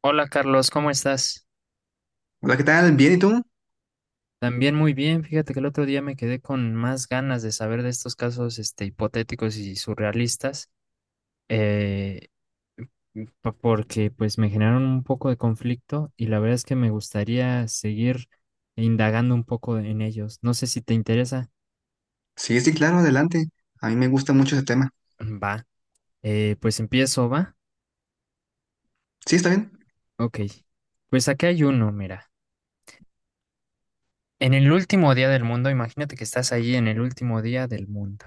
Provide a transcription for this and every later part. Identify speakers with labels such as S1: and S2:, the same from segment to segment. S1: Hola Carlos, ¿cómo estás?
S2: Hola, ¿qué tal? ¿Bien y tú?
S1: También muy bien, fíjate que el otro día me quedé con más ganas de saber de estos casos este, hipotéticos y surrealistas, eh, porque pues me generaron un poco de conflicto y la verdad es que me gustaría seguir indagando un poco en ellos. No sé si te interesa.
S2: Sí, sí, claro, adelante. A mí me gusta mucho ese tema.
S1: Va, pues empiezo, ¿va?
S2: ¿Sí, está bien?
S1: Ok, pues aquí hay uno, mira. En el último día del mundo, imagínate que estás ahí en el último día del mundo.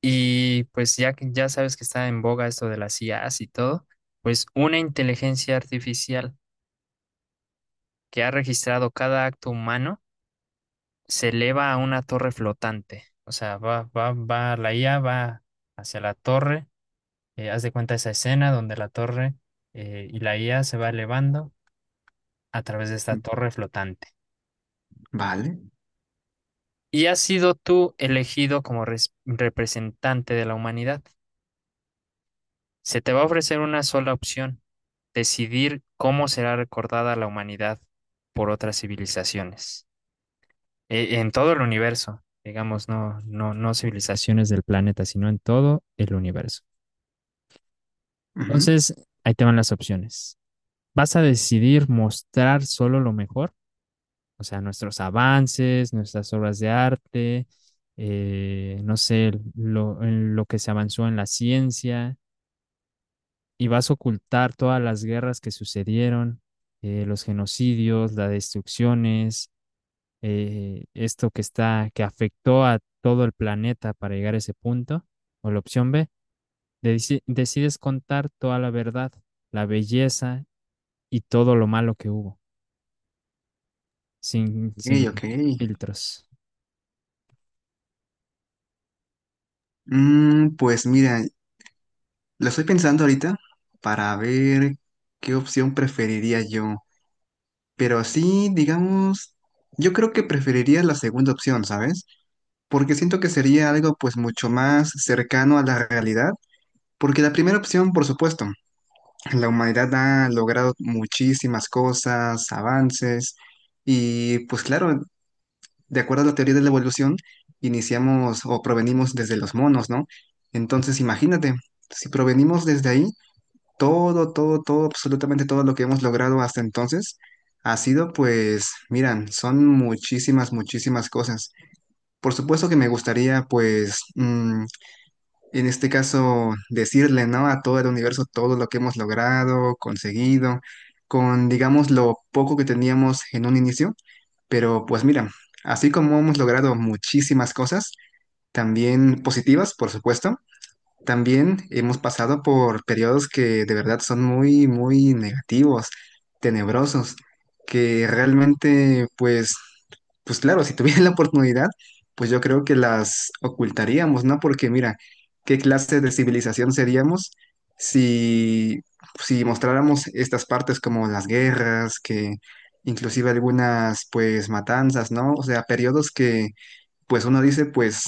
S1: Y pues ya que ya sabes que está en boga esto de las IAs y todo, pues una inteligencia artificial que ha registrado cada acto humano se eleva a una torre flotante. O sea, va, la IA va hacia la torre. Haz de cuenta esa escena donde la torre y la IA se va elevando a través de esta
S2: Mm,
S1: torre flotante.
S2: Vale.
S1: Y has sido tú elegido como representante de la humanidad. Se te va a ofrecer una sola opción: decidir cómo será recordada la humanidad por otras civilizaciones, en todo el universo, digamos, no civilizaciones del planeta, sino en todo el universo.
S2: Ujú.
S1: Entonces, ahí te van las opciones. ¿Vas a decidir mostrar solo lo mejor? O sea, nuestros avances, nuestras obras de arte, no sé, en lo que se avanzó en la ciencia y vas a ocultar todas las guerras que sucedieron, los genocidios, las destrucciones, esto que está, que afectó a todo el planeta para llegar a ese punto; o la opción B, decides contar toda la verdad, la belleza y todo lo malo que hubo, sin,
S2: Ok,
S1: sin
S2: ok.
S1: filtros.
S2: Pues mira, lo estoy pensando ahorita para ver qué opción preferiría yo. Pero sí, digamos, yo creo que preferiría la segunda opción, ¿sabes? Porque siento que sería algo pues mucho más cercano a la realidad. Porque la primera opción, por supuesto. La humanidad ha logrado muchísimas cosas, avances, y pues claro, de acuerdo a la teoría de la evolución, iniciamos o provenimos desde los monos, ¿no? Entonces imagínate, si provenimos desde ahí, todo, absolutamente todo lo que hemos logrado hasta entonces ha sido pues, miran, son muchísimas, muchísimas cosas. Por supuesto que me gustaría pues en este caso, decirle, ¿no? A todo el universo todo lo que hemos logrado, conseguido, con, digamos, lo poco que teníamos en un inicio. Pero pues mira, así como hemos logrado muchísimas cosas, también positivas, por supuesto, también hemos pasado por periodos que de verdad son muy, muy negativos, tenebrosos, que realmente, pues, pues claro, si tuviera la oportunidad, pues yo creo que las ocultaríamos, ¿no? Porque mira, ¿qué clase de civilización seríamos si, si mostráramos estas partes como las guerras, que inclusive algunas, pues, matanzas, ¿no? O sea, periodos que pues uno dice, pues,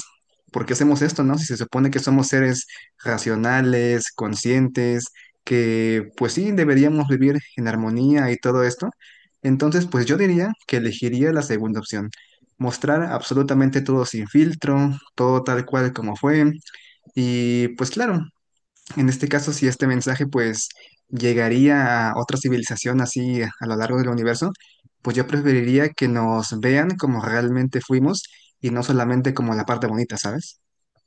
S2: ¿por qué hacemos esto, no? Si se supone que somos seres racionales, conscientes, que pues sí, deberíamos vivir en armonía y todo esto. Entonces, pues yo diría que elegiría la segunda opción. Mostrar absolutamente todo sin filtro, todo tal cual como fue. Y pues claro, en este caso, si este mensaje pues llegaría a otra civilización así a lo largo del universo, pues yo preferiría que nos vean como realmente fuimos y no solamente como la parte bonita, ¿sabes?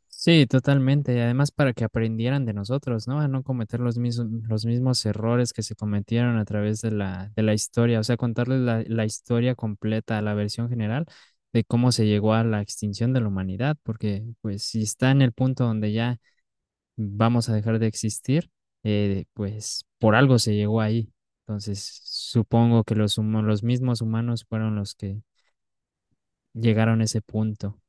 S1: Sí, totalmente. Y además para que aprendieran de nosotros, ¿no? A no cometer los mismos errores que se cometieron a través de de la historia. O sea, contarles la historia completa, la versión general de cómo se llegó a la extinción de la humanidad. Porque, pues, si está en el punto donde ya vamos a dejar de existir, pues por algo se llegó ahí. Entonces, supongo que los mismos humanos fueron los que llegaron a ese punto.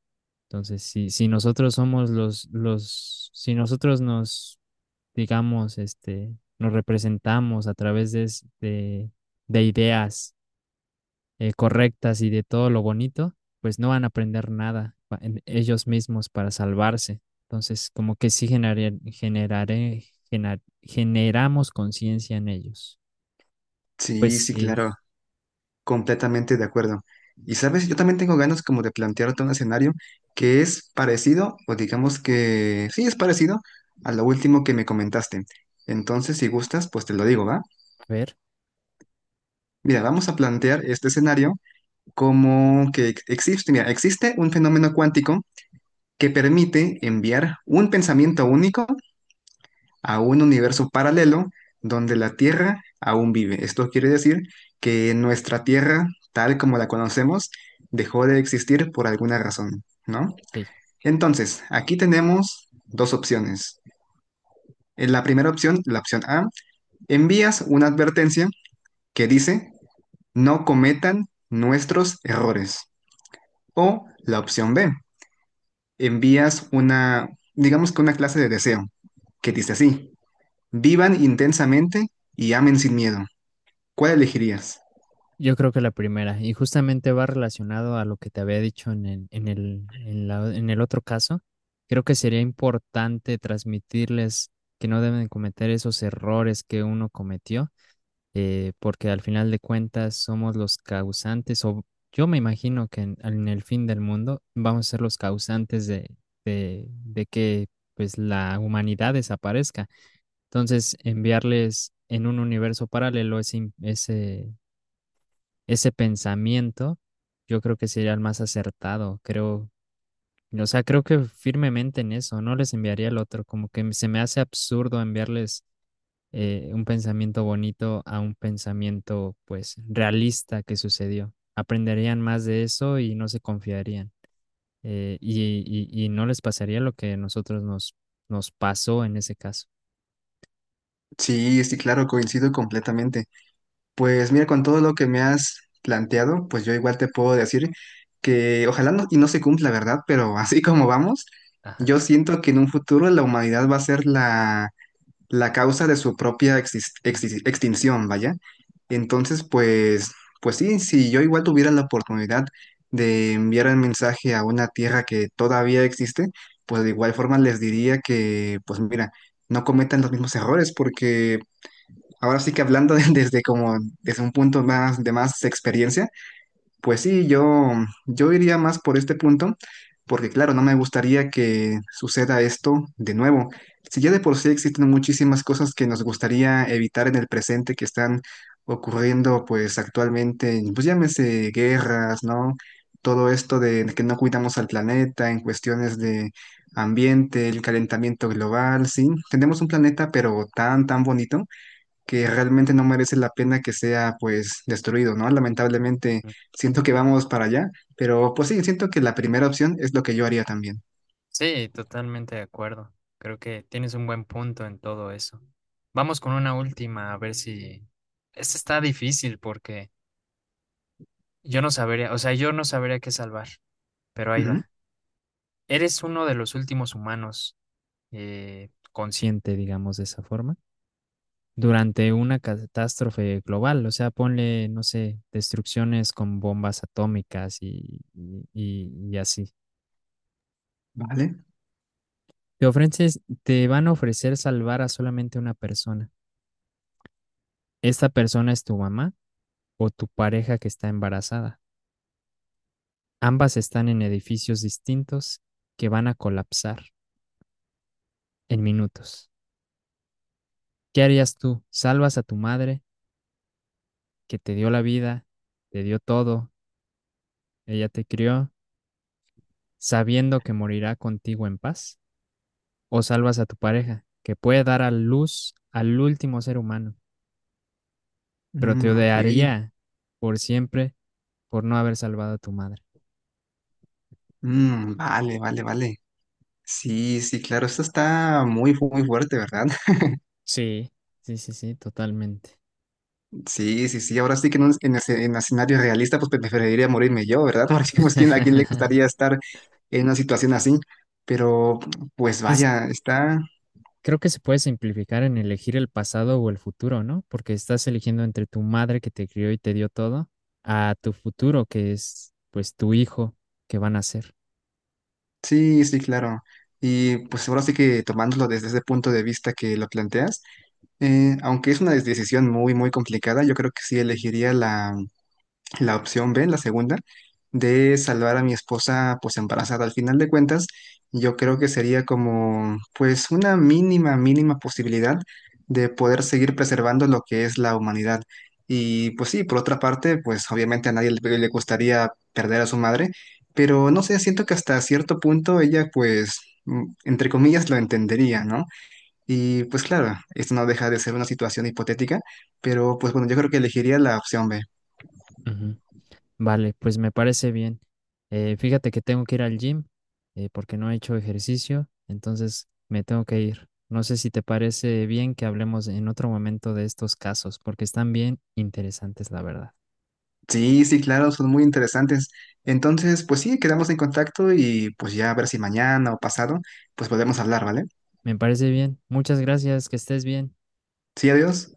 S1: Entonces, si nosotros somos si nosotros nos, digamos, este, nos representamos a través de ideas correctas y de todo lo bonito, pues no van a aprender nada en ellos mismos para salvarse. Entonces, como que sí generamos conciencia en ellos. Pues
S2: Sí, sí,
S1: sí,
S2: claro, completamente de acuerdo. Y sabes, yo también tengo ganas como de plantearte un escenario que es parecido, o digamos que sí es parecido a lo último que me comentaste. Entonces, si gustas, pues te lo digo, ¿va?
S1: a ver.
S2: Mira, vamos a plantear este escenario como que existe, mira, existe un fenómeno cuántico que permite enviar un pensamiento único a un universo paralelo donde la Tierra aún vive. Esto quiere decir que nuestra Tierra, tal como la conocemos, dejó de existir por alguna razón, ¿no?
S1: Ok.
S2: Entonces, aquí tenemos dos opciones. En la primera opción, la opción A, envías una advertencia que dice, no cometan nuestros errores. O la opción B. Envías una, digamos que una clase de deseo, que dice así, vivan intensamente y amen sin miedo. ¿Cuál elegirías?
S1: Yo creo que la primera, y justamente va relacionado a lo que te había dicho en en el otro caso. Creo que sería importante transmitirles que no deben cometer esos errores que uno cometió, porque al final de cuentas somos los causantes, o yo me imagino que en el fin del mundo vamos a ser los causantes de que pues la humanidad desaparezca. Entonces, enviarles en un universo paralelo ese pensamiento, yo creo que sería el más acertado, creo, o sea, creo que firmemente en eso, no les enviaría el otro, como que se me hace absurdo enviarles un pensamiento bonito a un pensamiento, pues, realista que sucedió. Aprenderían más de eso y no se confiarían. eh, y, no les pasaría lo que a nosotros nos pasó en ese caso.
S2: Sí, sí, claro, coincido completamente. Pues mira, con todo lo que me has planteado, pues yo igual te puedo decir que ojalá no, y no se cumpla, ¿verdad? Pero así como vamos,
S1: Ajá.
S2: yo siento que en un futuro la humanidad va a ser la causa de su propia exis- exis- extinción, vaya. Entonces, pues, pues sí, si yo igual tuviera la oportunidad de enviar el mensaje a una tierra que todavía existe, pues de igual forma les diría que, pues mira, no cometan los mismos errores, porque ahora sí que hablando desde como desde un punto más de más experiencia, pues sí, yo iría más por este punto, porque claro, no me gustaría que suceda esto de nuevo. Si ya de por sí existen muchísimas cosas que nos gustaría evitar en el presente que están ocurriendo pues actualmente, pues llámese guerras, ¿no? Todo esto de que no cuidamos al planeta en cuestiones de ambiente, el calentamiento global, sí, tenemos un planeta pero tan, tan bonito que realmente no merece la pena que sea pues destruido, ¿no? Lamentablemente siento que vamos para allá, pero pues sí, siento que la primera opción es lo que yo haría también.
S1: Sí, totalmente de acuerdo. Creo que tienes un buen punto en todo eso. Vamos con una última, a ver si... Esta está difícil porque yo no sabría, o sea, yo no sabría qué salvar, pero ahí
S2: Ujú.
S1: va. Eres uno de los últimos humanos consciente, digamos, de esa forma, durante una catástrofe global. O sea, ponle, no sé, destrucciones con bombas atómicas y así.
S2: Vale.
S1: Te ofreces, te van a ofrecer salvar a solamente una persona. Esta persona es tu mamá o tu pareja que está embarazada. Ambas están en edificios distintos que van a colapsar en minutos. ¿Qué harías tú? ¿Salvas a tu madre que te dio la vida, te dio todo, ella te crió, sabiendo que morirá contigo en paz? ¿O salvas a tu pareja que puede dar a luz al último ser humano, pero te
S2: Ok.
S1: odiaría por siempre por no haber salvado a tu madre?
S2: Vale, vale, vale. Sí, sí, claro, esto está muy, fu- muy fuerte, ¿verdad?
S1: Sí, sí, totalmente.
S2: Sí, sí, sí, ahora sí que en un en esce- en escenario realista pues pe- preferiría morirme yo, ¿verdad? Porque pues ¿quién- a quién le gustaría estar en una situación así, pero pues
S1: Es,
S2: vaya, está...
S1: creo que se puede simplificar en elegir el pasado o el futuro, ¿no? Porque estás eligiendo entre tu madre que te crió y te dio todo, a tu futuro, que es pues tu hijo que van a ser.
S2: Sí, sí, claro. Y pues ahora sí que tomándolo desde ese punto de vista que lo planteas, aunque es una des- decisión muy, muy complicada, yo creo que sí elegiría la opción B, la segunda, de salvar a mi esposa pues embarazada. Al final de cuentas, yo creo que sería como pues una mínima, mínima posibilidad de poder seguir preservando lo que es la humanidad. Y pues sí, por otra parte, pues obviamente a nadie le gustaría perder a su madre, pero no sé, siento que hasta cierto punto ella pues... entre comillas, lo entendería, ¿no? Y pues claro, esto no deja de ser una situación hipotética, pero pues bueno, yo creo que elegiría la opción B.
S1: Ujú. Vale, pues me parece bien. Fíjate que tengo que ir al gym, porque no he hecho ejercicio, entonces me tengo que ir. No sé si te parece bien que hablemos en otro momento de estos casos, porque están bien interesantes, la verdad.
S2: Sí, sí, claro, son muy interesantes. Entonces, pues sí, quedamos en contacto y pues ya a ver si mañana o pasado, pues podemos hablar, ¿vale?
S1: Me parece bien. Muchas gracias, que estés bien.
S2: Sí, adiós.